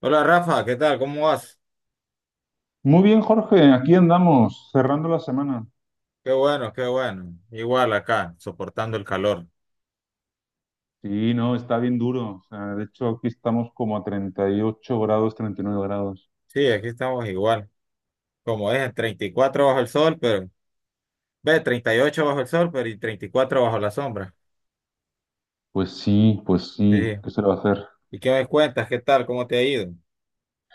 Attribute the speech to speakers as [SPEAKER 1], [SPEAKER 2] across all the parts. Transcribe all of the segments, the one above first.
[SPEAKER 1] Hola Rafa, ¿qué tal? ¿Cómo vas?
[SPEAKER 2] Muy bien, Jorge, aquí andamos, cerrando la semana.
[SPEAKER 1] Qué bueno, qué bueno. Igual acá, soportando el calor.
[SPEAKER 2] Sí, no, está bien duro. O sea, de hecho, aquí estamos como a 38 grados, 39 grados.
[SPEAKER 1] Sí, aquí estamos igual. Como es, en cuatro bajo el sol, pero ...ve, 38 bajo el sol, pero y 34 bajo la sombra.
[SPEAKER 2] Pues
[SPEAKER 1] Sí.
[SPEAKER 2] sí, ¿qué se le va a hacer?
[SPEAKER 1] ¿Y qué me cuentas? ¿Qué tal? ¿Cómo te ha ido?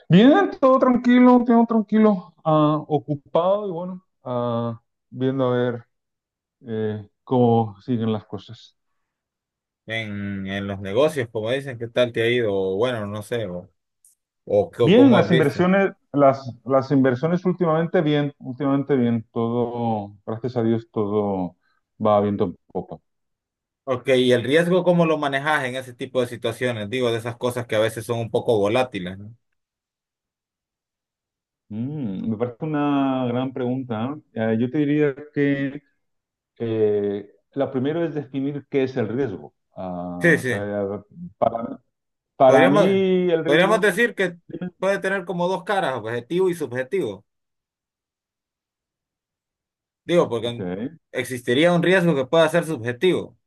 [SPEAKER 2] Bien, todo tranquilo, ocupado y bueno, viendo a ver cómo siguen las cosas.
[SPEAKER 1] En los negocios, como dicen, ¿qué tal te ha ido? O bueno, no sé, o
[SPEAKER 2] Bien,
[SPEAKER 1] cómo has
[SPEAKER 2] las
[SPEAKER 1] visto.
[SPEAKER 2] inversiones, las inversiones últimamente bien, todo, gracias a Dios, todo va viento en popa.
[SPEAKER 1] Ok, ¿y el riesgo cómo lo manejas en ese tipo de situaciones? Digo, de esas cosas que a veces son un poco volátiles, ¿no?
[SPEAKER 2] Me parece una gran pregunta. Yo te diría que lo primero es definir qué es el riesgo.
[SPEAKER 1] Sí,
[SPEAKER 2] Ah, o
[SPEAKER 1] sí.
[SPEAKER 2] sea, para
[SPEAKER 1] Podríamos,
[SPEAKER 2] mí el riesgo
[SPEAKER 1] podríamos
[SPEAKER 2] es.
[SPEAKER 1] decir que
[SPEAKER 2] Dime.
[SPEAKER 1] puede tener como dos caras, objetivo y subjetivo. Digo,
[SPEAKER 2] Ok.
[SPEAKER 1] porque existiría un riesgo que pueda ser subjetivo.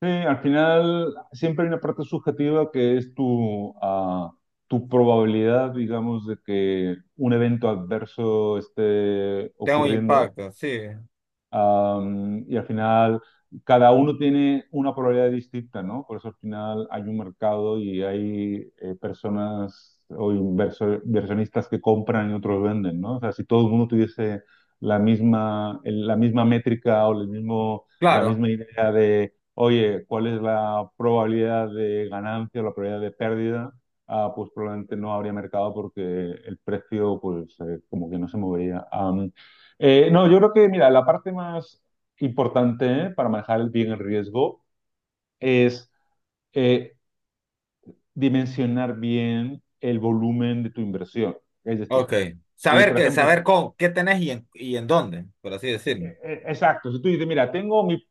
[SPEAKER 2] Sí, al final siempre hay una parte subjetiva que es tu probabilidad, digamos, de que un evento adverso esté
[SPEAKER 1] Tenga un
[SPEAKER 2] ocurriendo.
[SPEAKER 1] impacto, sí.
[SPEAKER 2] Y al final, cada uno tiene una probabilidad distinta, ¿no? Por eso al final hay un mercado y hay personas o inversionistas que compran y otros venden, ¿no? O sea, si todo el mundo tuviese la misma métrica o el mismo, la
[SPEAKER 1] Claro,
[SPEAKER 2] misma idea de, oye, ¿cuál es la probabilidad de ganancia o la probabilidad de pérdida? Pues probablemente no habría mercado porque el precio, pues, como que no se movería. No, yo creo que, mira, la parte más importante, ¿eh?, para manejar el bien el riesgo es, eh, dimensionar bien el volumen de tu inversión. Es decir,
[SPEAKER 1] ok.
[SPEAKER 2] si
[SPEAKER 1] Saber
[SPEAKER 2] por
[SPEAKER 1] qué,
[SPEAKER 2] ejemplo,
[SPEAKER 1] saber cómo, qué tenés y en dónde, por así decirlo.
[SPEAKER 2] exacto, si tú dices, mira, tengo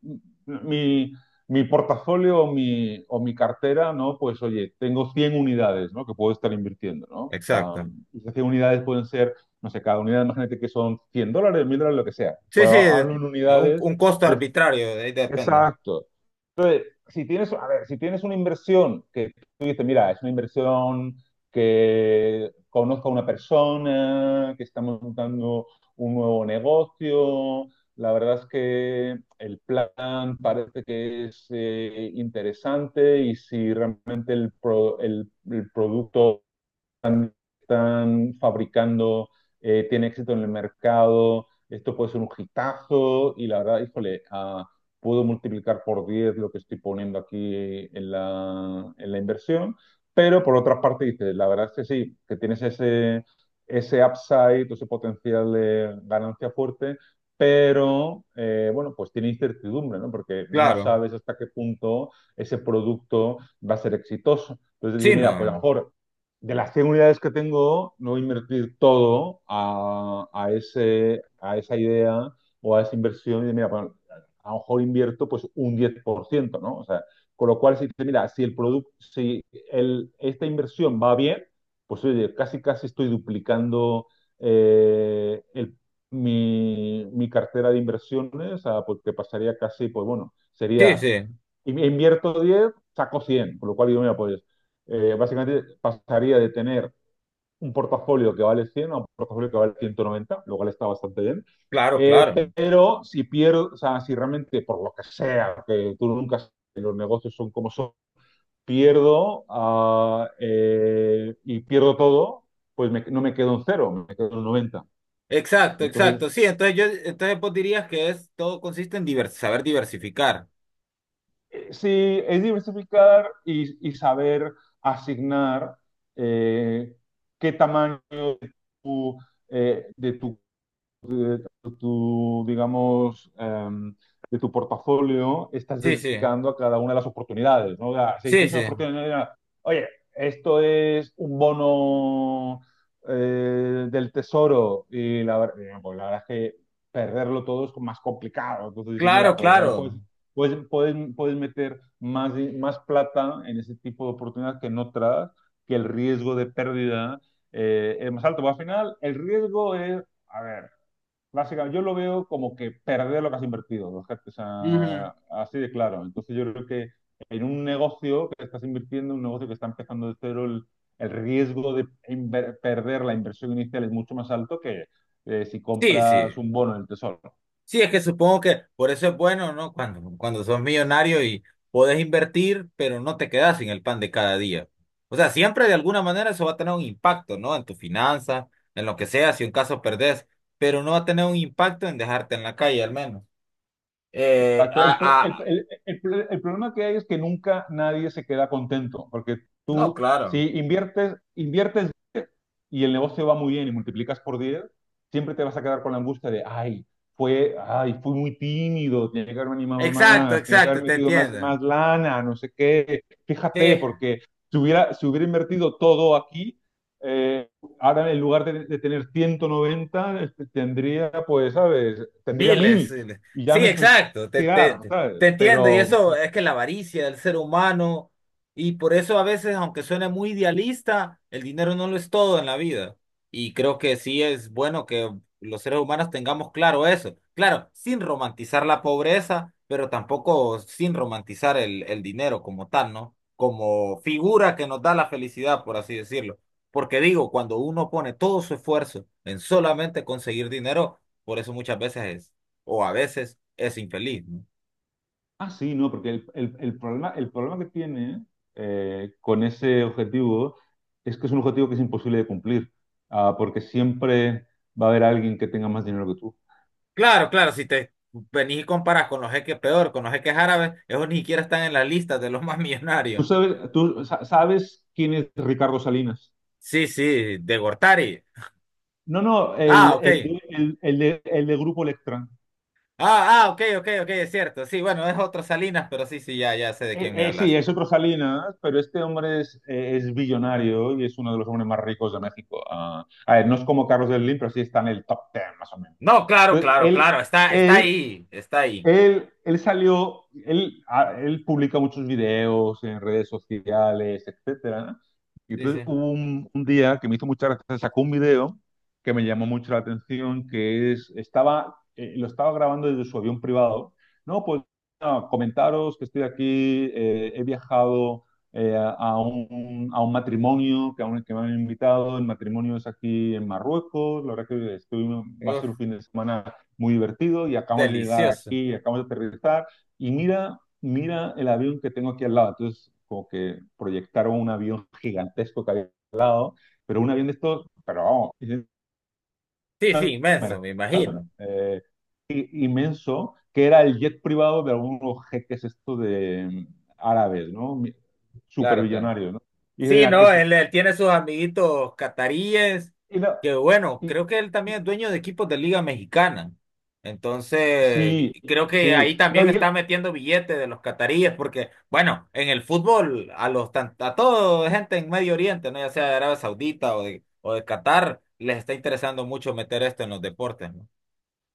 [SPEAKER 2] mi, mi portafolio o mi cartera, ¿no? Pues oye, tengo 100 unidades, ¿no? Que puedo estar invirtiendo, ¿no? Ah,
[SPEAKER 1] Exacto.
[SPEAKER 2] esas 100 unidades pueden ser, no sé, cada unidad, imagínate que son $100, $1.000, lo que sea.
[SPEAKER 1] Sí, sí,
[SPEAKER 2] Pero hablo en
[SPEAKER 1] un,
[SPEAKER 2] unidades
[SPEAKER 1] un costo
[SPEAKER 2] de.
[SPEAKER 1] arbitrario, de ahí depende.
[SPEAKER 2] Exacto. Si tienes, a ver, si tienes una inversión que tú dices, mira, es una inversión que conozco a una persona, que estamos montando un nuevo negocio. La verdad es que el plan parece que es, interesante, y si realmente el producto están fabricando, tiene éxito en el mercado, esto puede ser un hitazo. Y la verdad, híjole, puedo multiplicar por 10 lo que estoy poniendo aquí, en la inversión. Pero por otra parte dices, la verdad es que sí, que tienes ese upside, ese potencial de ganancia fuerte, pero, bueno, pues tiene incertidumbre, ¿no? Porque no
[SPEAKER 1] Claro.
[SPEAKER 2] sabes hasta qué punto ese producto va a ser exitoso. Entonces dices,
[SPEAKER 1] Sí, no.
[SPEAKER 2] mira, pues a lo mejor de las 100 unidades que tengo, no invertir todo a esa idea o a esa inversión. Y mira, pues, a lo mejor invierto pues un 10%, ¿no? O sea, con lo cual, si, mira, si el producto, si el, esta inversión va bien, pues oye, casi casi estoy duplicando eh, el- mi cartera de inversiones. Porque pasaría casi, pues bueno,
[SPEAKER 1] Sí, sí.
[SPEAKER 2] invierto 10, saco 100, con lo cual yo me apoyo, básicamente pasaría de tener un portafolio que vale 100 a un portafolio que vale 190, lo cual está bastante bien.
[SPEAKER 1] Claro,
[SPEAKER 2] Eh,
[SPEAKER 1] claro.
[SPEAKER 2] pero si pierdo, o sea, si realmente por lo que sea, que tú nunca sabes, los negocios son como son, pierdo, y pierdo todo, pues no me quedo en cero, me quedo en 90.
[SPEAKER 1] Exacto,
[SPEAKER 2] Entonces,
[SPEAKER 1] exacto. Sí, entonces vos dirías que es, todo consiste en saber diversificar.
[SPEAKER 2] sí es diversificar y, saber asignar, eh, qué tamaño de digamos, de tu portafolio estás
[SPEAKER 1] Sí, sí.
[SPEAKER 2] dedicando a cada una de las oportunidades, ¿no? O sea, si
[SPEAKER 1] Sí,
[SPEAKER 2] tienes una
[SPEAKER 1] sí,
[SPEAKER 2] oportunidad, oye, esto es un bono, del tesoro, y pues la verdad es que perderlo todo es más complicado. Entonces dices,
[SPEAKER 1] claro,
[SPEAKER 2] mira, pues ahí puedes,
[SPEAKER 1] claro.
[SPEAKER 2] puedes, puedes, puedes meter más, más plata en ese tipo de oportunidades que en otras, que el riesgo de pérdida, es más alto. Pero al final, el riesgo es, a ver, básicamente, yo lo veo como que perder lo que has invertido, o sea,
[SPEAKER 1] Ujú.
[SPEAKER 2] así de claro. Entonces yo creo que en un negocio que estás invirtiendo, un negocio que está empezando de cero, el riesgo de perder la inversión inicial es mucho más alto que, si
[SPEAKER 1] Sí, sí.
[SPEAKER 2] compras un bono en el tesoro.
[SPEAKER 1] Sí, es que supongo que por eso es bueno, ¿no? Cuando, cuando sos millonario y podés invertir, pero no te quedás sin el pan de cada día. O sea, siempre de alguna manera eso va a tener un impacto, ¿no? En tu finanza, en lo que sea, si un caso perdés, pero no va a tener un impacto en dejarte en la calle, al menos. Eh,
[SPEAKER 2] Exacto. El, pro-
[SPEAKER 1] a, a-
[SPEAKER 2] el problema que hay es que nunca nadie se queda contento, porque
[SPEAKER 1] no,
[SPEAKER 2] si
[SPEAKER 1] claro.
[SPEAKER 2] inviertes, y el negocio va muy bien y multiplicas por 10, siempre te vas a quedar con la angustia de, ay, fui muy tímido, tenía que haberme animado
[SPEAKER 1] Exacto,
[SPEAKER 2] más, tenía que haber
[SPEAKER 1] exacto, te
[SPEAKER 2] metido más,
[SPEAKER 1] entiendo.
[SPEAKER 2] más lana, no sé qué.
[SPEAKER 1] Sí.
[SPEAKER 2] Fíjate, porque si hubiera invertido todo aquí, eh, ahora en lugar de, tener 190, tendría, pues, ¿sabes? Tendría
[SPEAKER 1] Miles,
[SPEAKER 2] 1.000.
[SPEAKER 1] miles.
[SPEAKER 2] Y ya
[SPEAKER 1] Sí,
[SPEAKER 2] me,
[SPEAKER 1] exacto, te, te,
[SPEAKER 2] tirar,
[SPEAKER 1] te
[SPEAKER 2] ¿sabes?
[SPEAKER 1] te entiendo. Y
[SPEAKER 2] Pero,
[SPEAKER 1] eso es que la avaricia del ser humano, y por eso a veces, aunque suene muy idealista, el dinero no lo es todo en la vida. Y creo que sí es bueno que los seres humanos tengamos claro eso. Claro, sin romantizar la pobreza, pero tampoco sin romantizar el dinero como tal, ¿no? Como figura que nos da la felicidad, por así decirlo. Porque digo, cuando uno pone todo su esfuerzo en solamente conseguir dinero, por eso muchas veces es, o a veces es infeliz, ¿no?
[SPEAKER 2] Sí, no, porque el problema que tiene, con ese objetivo, es que es un objetivo que es imposible de cumplir, porque siempre va a haber alguien que tenga más dinero que tú.
[SPEAKER 1] Claro, claro, si te venís y comparas con los jeques peor, con los jeques árabes, esos ni siquiera están en la lista de los más
[SPEAKER 2] ¿Tú
[SPEAKER 1] millonarios.
[SPEAKER 2] sabes, sabes quién es Ricardo Salinas?
[SPEAKER 1] Sí, sí, de Gortari.
[SPEAKER 2] No, no,
[SPEAKER 1] Ah,
[SPEAKER 2] el,
[SPEAKER 1] ok.
[SPEAKER 2] el, de- el, el de, el de Grupo Electra.
[SPEAKER 1] Ah, ah, ok, ok, ok, es cierto. Sí, bueno, es otro Salinas, pero sí, sí, ya, ya sé de quién me
[SPEAKER 2] Sí,
[SPEAKER 1] hablas.
[SPEAKER 2] es otro Salinas, pero este hombre es billonario y es uno de los hombres más ricos de México. A ver, no es como Carlos Slim, pero sí está en el top 10, más o menos.
[SPEAKER 1] No, claro,
[SPEAKER 2] Entonces,
[SPEAKER 1] claro, claro,
[SPEAKER 2] él,
[SPEAKER 1] está, está
[SPEAKER 2] él
[SPEAKER 1] ahí, está ahí.
[SPEAKER 2] Él, él salió, él, a- él publica muchos videos en redes sociales, etcétera, ¿no? Y
[SPEAKER 1] Sí,
[SPEAKER 2] entonces
[SPEAKER 1] sí.
[SPEAKER 2] hubo un día que me hizo mucha gracia, sacó un video que me llamó mucho la atención, lo estaba grabando desde su avión privado. No, pues no, comentaros que estoy aquí, he viajado, a un matrimonio que, aún que me han invitado, el matrimonio es aquí en Marruecos, la verdad que estoy, va a
[SPEAKER 1] Uf,
[SPEAKER 2] ser un fin de semana muy divertido y acabamos de llegar
[SPEAKER 1] delicioso.
[SPEAKER 2] aquí, y acabamos de aterrizar, y mira, mira el avión que tengo aquí al lado. Entonces, como que proyectaron un avión gigantesco que había al lado, pero un avión de estos, pero vamos, es
[SPEAKER 1] Sí, sí,
[SPEAKER 2] una-
[SPEAKER 1] inmenso,
[SPEAKER 2] cámara,
[SPEAKER 1] me imagino.
[SPEAKER 2] eh, inmenso, que era el jet privado de algunos jeques estos de árabes, ¿no?
[SPEAKER 1] Claro, claro.
[SPEAKER 2] Superbillonarios, ¿no? Y dije,
[SPEAKER 1] Sí,
[SPEAKER 2] mira, que
[SPEAKER 1] no,
[SPEAKER 2] es-
[SPEAKER 1] él tiene sus amiguitos cataríes,
[SPEAKER 2] y la-
[SPEAKER 1] que bueno,
[SPEAKER 2] y-
[SPEAKER 1] creo que él también
[SPEAKER 2] y-
[SPEAKER 1] es dueño de equipos de Liga Mexicana. Entonces,
[SPEAKER 2] sí,
[SPEAKER 1] creo que
[SPEAKER 2] sí.
[SPEAKER 1] ahí
[SPEAKER 2] No,
[SPEAKER 1] también
[SPEAKER 2] y,
[SPEAKER 1] está metiendo billetes de los cataríes, porque bueno, en el fútbol, a toda gente en Medio Oriente, ¿no? Ya sea de Arabia Saudita o de Qatar, les está interesando mucho meter esto en los deportes, ¿no?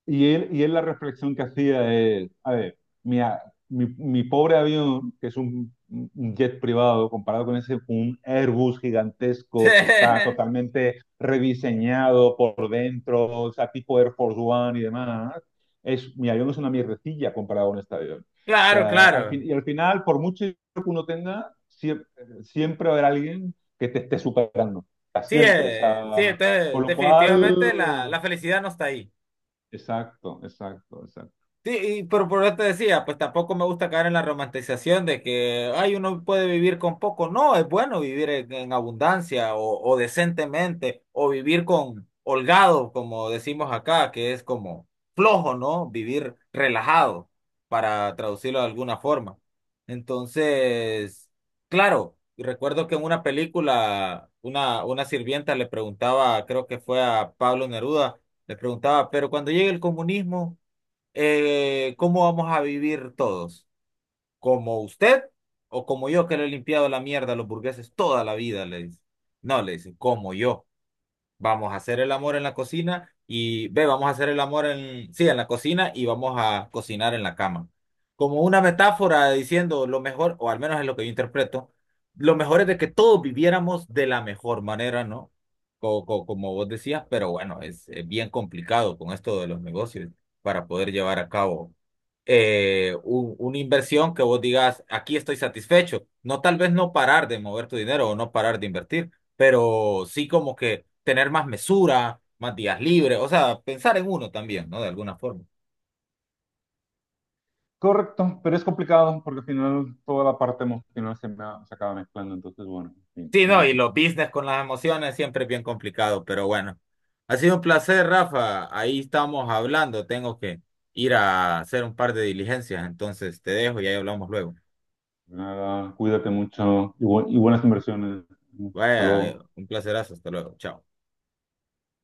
[SPEAKER 2] Y él, y él la reflexión que hacía es, a ver, mi, a- mi pobre avión, que es un jet privado, comparado con ese, un Airbus gigantesco que está totalmente rediseñado por dentro, o sea, tipo Air Force One y demás. Mi avión es una mierdecilla comparado con este avión. O
[SPEAKER 1] Claro,
[SPEAKER 2] sea,
[SPEAKER 1] claro.
[SPEAKER 2] y al final, por mucho que uno tenga, siempre, siempre va a haber alguien que te esté superando. O sea,
[SPEAKER 1] Sí,
[SPEAKER 2] siempre. O
[SPEAKER 1] sí,
[SPEAKER 2] sea, con
[SPEAKER 1] entonces
[SPEAKER 2] lo cual.
[SPEAKER 1] definitivamente la felicidad no está ahí.
[SPEAKER 2] Exacto, exacto, exacto.
[SPEAKER 1] Sí, y pero por eso te decía, pues tampoco me gusta caer en la romantización de que, ay, uno puede vivir con poco. No, es bueno vivir en abundancia o decentemente, o vivir con holgado, como decimos acá, que es como flojo, ¿no? Vivir relajado, para traducirlo de alguna forma. Entonces, claro, y recuerdo que en una película, una sirvienta le preguntaba, creo que fue a Pablo Neruda, le preguntaba, pero cuando llegue el comunismo ¿cómo vamos a vivir todos? ¿Como usted o como yo que le he limpiado la mierda a los burgueses toda la vida? Le dice. No, le dice, como yo. Vamos a hacer el amor en la cocina y ve, vamos a hacer el amor en, sí, en la cocina y vamos a cocinar en la cama. Como una metáfora diciendo lo mejor, o al menos es lo que yo interpreto, lo mejor es de que todos viviéramos de la mejor manera, ¿no? Como vos decías, pero bueno, es bien complicado con esto de los negocios para poder llevar a cabo una inversión que vos digas, aquí estoy satisfecho. No tal vez no parar de mover tu dinero o no parar de invertir, pero sí como que tener más mesura, más días libres, o sea, pensar en uno también, ¿no? De alguna forma.
[SPEAKER 2] Correcto, pero es complicado porque al final toda la parte emocional se acaba mezclando. Entonces bueno, en fin,
[SPEAKER 1] Sí,
[SPEAKER 2] es
[SPEAKER 1] no, y
[SPEAKER 2] difícil.
[SPEAKER 1] los business con las emociones siempre es bien complicado, pero bueno. Ha sido un placer, Rafa. Ahí estamos hablando. Tengo que ir a hacer un par de diligencias, entonces te dejo y ahí hablamos luego.
[SPEAKER 2] Nada, cuídate mucho y buenas inversiones. Hasta
[SPEAKER 1] Vaya,
[SPEAKER 2] luego.
[SPEAKER 1] un placerazo. Hasta luego. Chao.